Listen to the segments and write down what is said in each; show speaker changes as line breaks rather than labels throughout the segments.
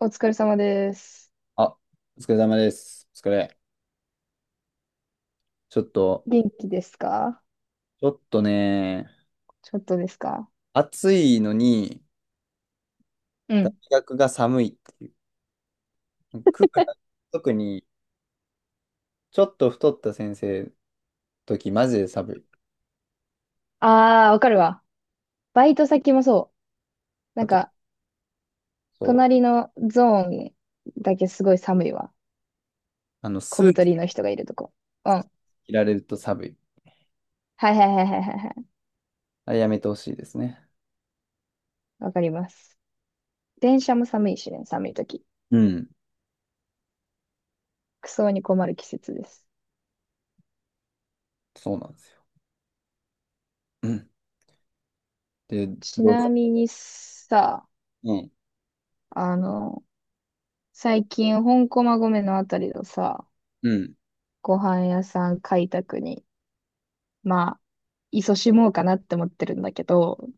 お疲れ様です。
あ、お疲れ様です。お疲れ。ちょっと、
元気ですか？
ちょっとね、
ちょっとですか？
暑いのに、
う
大
ん。
学が寒いっていう。クーラー、特に、ちょっと太った先生の時、マジで寒い。
ああ、わかるわ。バイト先もそう。な
あ
ん
と、
か、
そう、
隣のゾーンだけすごい寒いわ。小
スー
太
ツ
りの人がいるとこ。うん。はい
着られると寒い。
はいはいはいはいはい。
あれやめてほしいですね。
わかります。電車も寒いしね、寒い時。
うん、
クソに困る季節です。
そうなんですよ。うん。で、
ち
どう
な
ぞ。
みにさ、
うん、
あの、最近、本駒込のあたりのさ、
うん。
ご飯屋さん開拓にまあ、勤しもうかなって思ってるんだけど、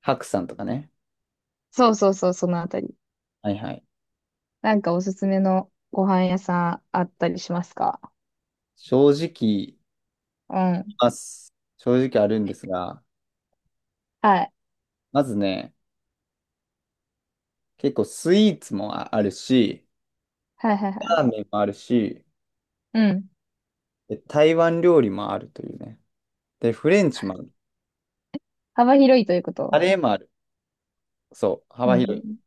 白さんとかね。
そうそうそう、そのあたり。
はいはい。
なんかおすすめのご飯屋さんあったりしますか？
正直、
うん。
ます。正直あるんですが、
はい。
まずね、結構スイーツもあるし、
はいはいは
ラ
い。
ーメンもあるし、
うん。
で台湾料理もあるというね。で、フレンチもある。
幅広いというこ
カ
と。
レーもある。そう、
う
幅広い。
ん。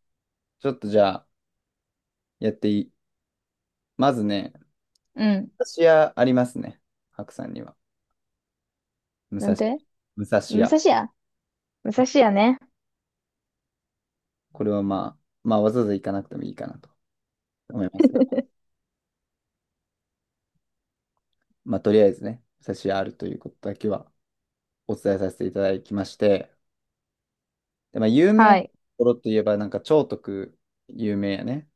ちょっとじゃあ、やっていい。まずね、
うん。
武蔵屋ありますね。白さんには。武
な
蔵、
んて？
武蔵
武
屋。
蔵屋、武蔵屋ね。
これはまあ、まあ、わざわざ行かなくてもいいかなと思いますが。まあ、とりあえずね、武蔵屋あるということだけはお伝えさせていただきまして。で、まあ、有名な
は
と
い。
ころといえば、なんか、兆徳有名やね。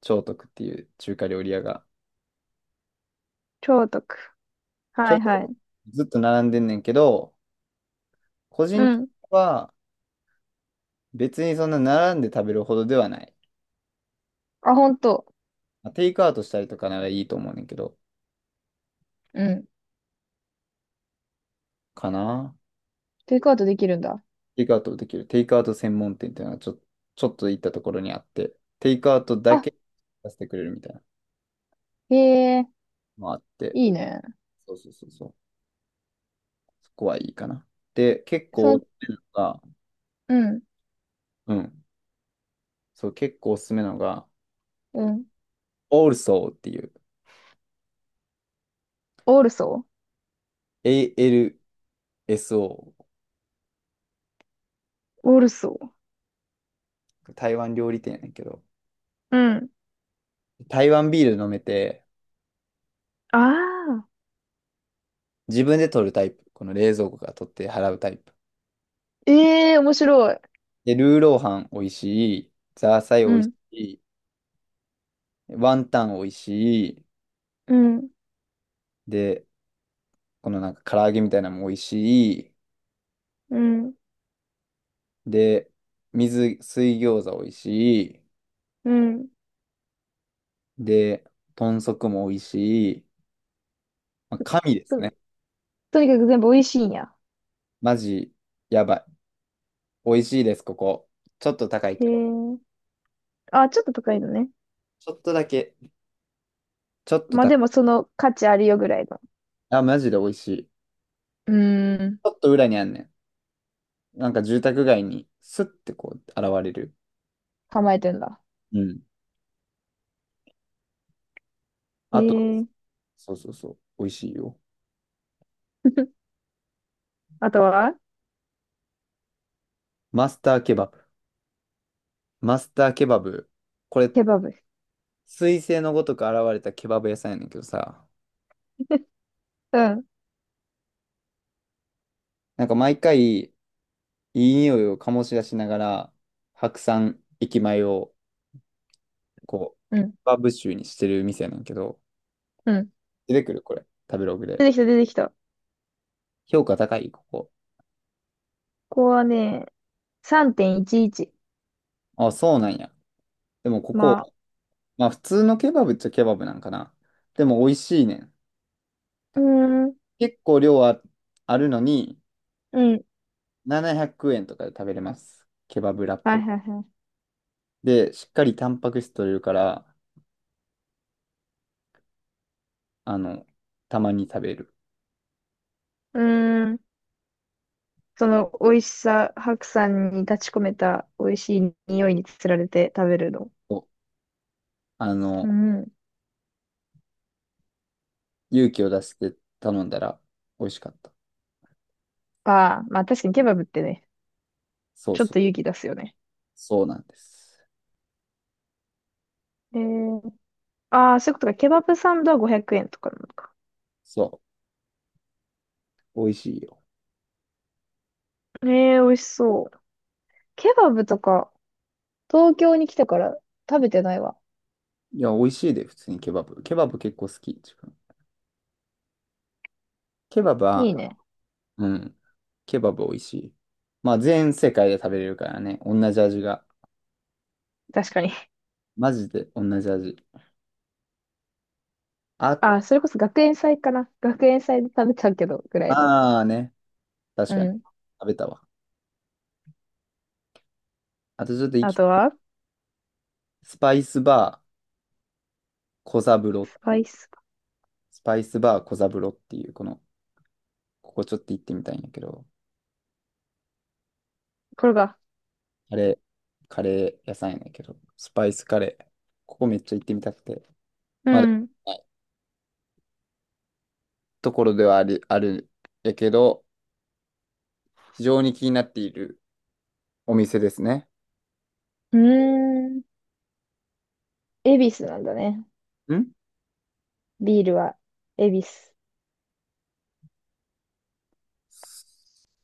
兆徳っていう中華料理屋が
超徳、
ち
は
ょっ
いは
と
い。
ずっと並んでんねんけど、個人
う
的に
ん。
は別にそんな並んで食べるほどではない。
あ、ほんと？
まあテイクアウトしたりとかならいいと思うねんけど、
うん。
かな。
テイクアウトできるんだ。
テイクアウトできる。テイクアウト専門店っていうのはちょっと行ったところにあって、テイクアウトだ
あ、
けさせてくれるみたいなの
へえ、
もあって、
いいね。
そうそうそうそう。そこはいいかな。で、結
そ
構お
の、
すすめなのが、
うん、
うん。そう、結構おすすめなのが、
うん。
ALSO っていう、
オールソ
ALSO、
ー、オールソー。
台湾料理店やねんけど、
うん。
台湾ビール飲めて、
ああ。
自分で取るタイプ。この冷蔵庫から取って払うタイプ。
ええー、面白い。
で、ルーローハン美味しい、ザーサイ美
う
味し
ん、
い、ワンタン美味しい、
うん、
で、このなんか唐揚げみたいなのも美味しい、
うん、
で、水餃子美味しい、
うん。
で、豚足も美味しい。まあ、神です
と、
ね。
とにかく全部美味しいんや？
マジ、やばい。美味しいです、ここ。ちょっと高い
へ
けど。
え。あ、ちょっと高いのね。
ちょっとだけ。ちょっと
まあで
高い。
もその価値あるよぐらいの。
あ、マジで美味しい。ち
うーん、
ょっと裏にあんねん。なんか住宅街にスッてこう現れる。
構えてんだ。
うん。
へ
あと、
え。
そうそうそう、美味しいよ。
あとは？
マスターケバブ。マスターケバブ。これ、
ケバブ。
彗星のごとく現れたケバブ屋さんやねんけどさ、
うん、
なんか毎回いい匂いを醸し出しながら、白山駅前をこう、ケ
うん、
バブ臭にしてる店やねんけど、
うん。
出てくるこれ、食べログで。
出てきた、出てきた。こ
評価高い、ここ。
こはね、3.11。
あ、そうなんや。でもこ
まあ、
こ、まあ普通のケバブっちゃケバブなんかな。でも美味しいねん。
うーん、
結構量はあるのに、
うん。
700円とかで食べれます。ケバブラッ
はい
プ。
はいはい。
で、しっかりタンパク質取れるから、あの、たまに食べる。
うーん。その美味しさ、白山に立ち込めた美味しい匂いにつられて食べるの？
おあ
う
の、
ん。
勇気を出して頼んだら美味しかった。
あ、まあ確かにケバブってね、
そう
ちょっ
そ
と
う。
勇気出すよね。
そうなんです。
えー、ああ、そういうことか。ケバブサンドは500円とかなのか。
そう。美味しいよ。
ええ、美味しそう。ケバブとか、東京に来てから食べてないわ。
いや、美味しいで、普通にケバブ。ケバブ結構好き。自分ケバブ
い
は、
いね。
うん。ケバブ美味しい。まあ、全世界で食べれるからね。同じ味が。
確かに。
マジで同じ味。あ、
ああ、それこそ学園祭かな。学園祭で食べたけど、ぐらいの。
あーね。確
う
かに。
ん。
食べたわ。あとちょっと生
あ
き
と
て、
は、
スパイスバー小三郎、
スパイス。
スパイスバー小三郎っていう、この、ここちょっと行ってみたいんやけど、
これが。
カレー、カレー屋さんやねんけど、スパイスカレー、ここめっちゃ行ってみたくて、
う
まだ行って
ん。
ないところではあり、あるやけど、非常に気になっているお店ですね。
うーん。恵比寿なんだね。
ん
ビールは、恵比寿。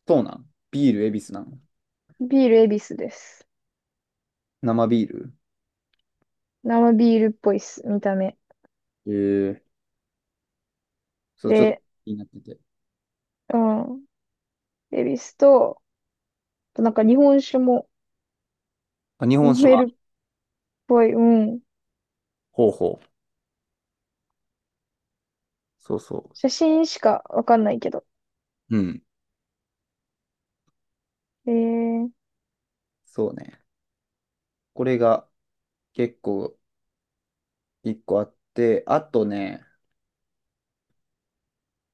そうなんビール、恵比寿なん
ビール恵比寿です。
生ビール
生ビールっぽいっす、見た目。
ええそう、ちょっと
で、
気になってて。
うん。恵比寿と、あとなんか日本酒も
あ、日本
飲
酒も
め
あ
る
る。
っぽい。うん。
ほうほう。そうそ
写真しかわかんないけど。
う。うん。
えー、
そうね。これが結構一個あって、あとね、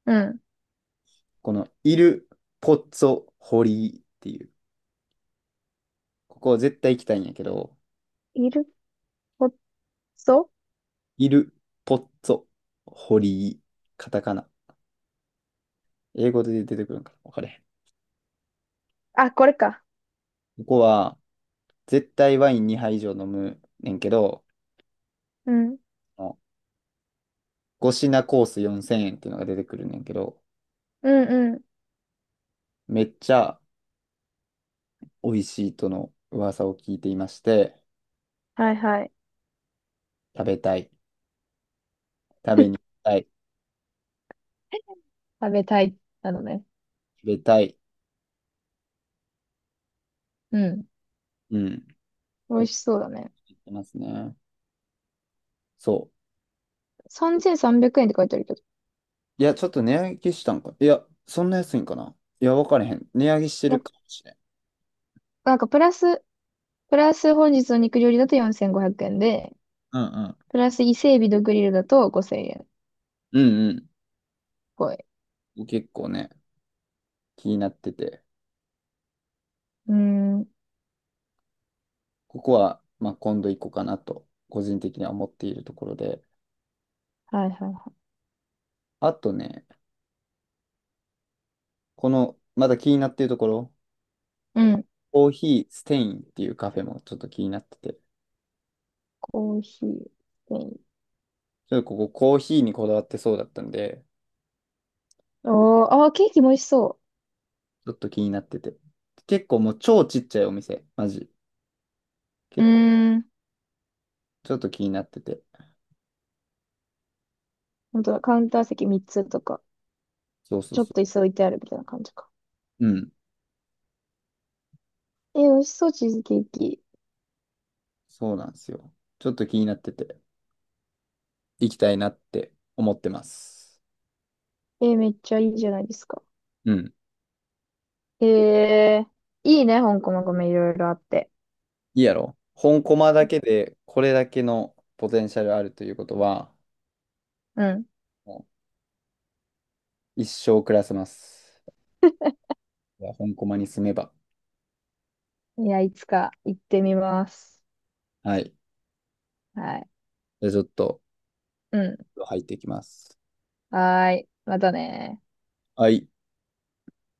うん。
このイル・ポッツォ・ホリーっていう、ここは絶対行きたいんやけど、
イルポッツォ、
イル・ポッツォ・ホリー、カタカナ。英語で出てくるんかなわかれへ
あ、これか。
ん。ここは絶対ワイン2杯以上飲むねんけど、
うん。
5品コース4000円っていうのが出てくるねんけど、
うん、うん。
めっちゃ美味しいとの噂を聞いていまして、
はいはい。
食べたい。食べに行き たい。
食べたい、なのね。
食べたい。
うん。
うん。
美味しそうだね。
言ってますね。そう。
3300円って書いてあるけど。
いや、ちょっと値上げしたんか。いや、そんな安いんかな。いや、わからへん。値上げしてる
な、
かもしれん。
なんかプラス、プラス本日の肉料理だと4500円で、
うんうん。
プラス伊勢海老とグリルだと5000円っ
うん
ぽい。
うん。結構ね、気になってて。
うーん。
ここは、まあ、今度行こうかなと、個人的には思っているところで。
はいはいは
あとね、この、まだ気になっているところ、
い。うん。
コーヒーステインっていうカフェもちょっと気になってて。
コーヒー。
ちょっとここコーヒーにこだわってそうだったんで、
おー、あー、ケーキも美味しそ
ちょっと気になってて。結構もう超ちっちゃいお店。マジ。結
う。う
構、
ーん。
ちょっと気になってて。
本当だ、カウンター席3つとか、
そうそう
ちょっ
そ
と椅子置いてあるみたいな感じか。
う。うん。
えー、美味しそう、チーズケーキ。
そうなんですよ。ちょっと気になってて、行きたいなって思ってます。
えー、めっちゃいいじゃないですか。
うん。
えー、いいね、香港のグルメいろいろあって。
いいやろ本コマだけで、これだけのポテンシャルあるということは、
うん。
もう一生暮らせます。いや本コマに住めば。
いや、いつか行ってみます。
はい。
はい。
じゃあちょっと、
うん。
入っていきます。
はーい。またね。
はい。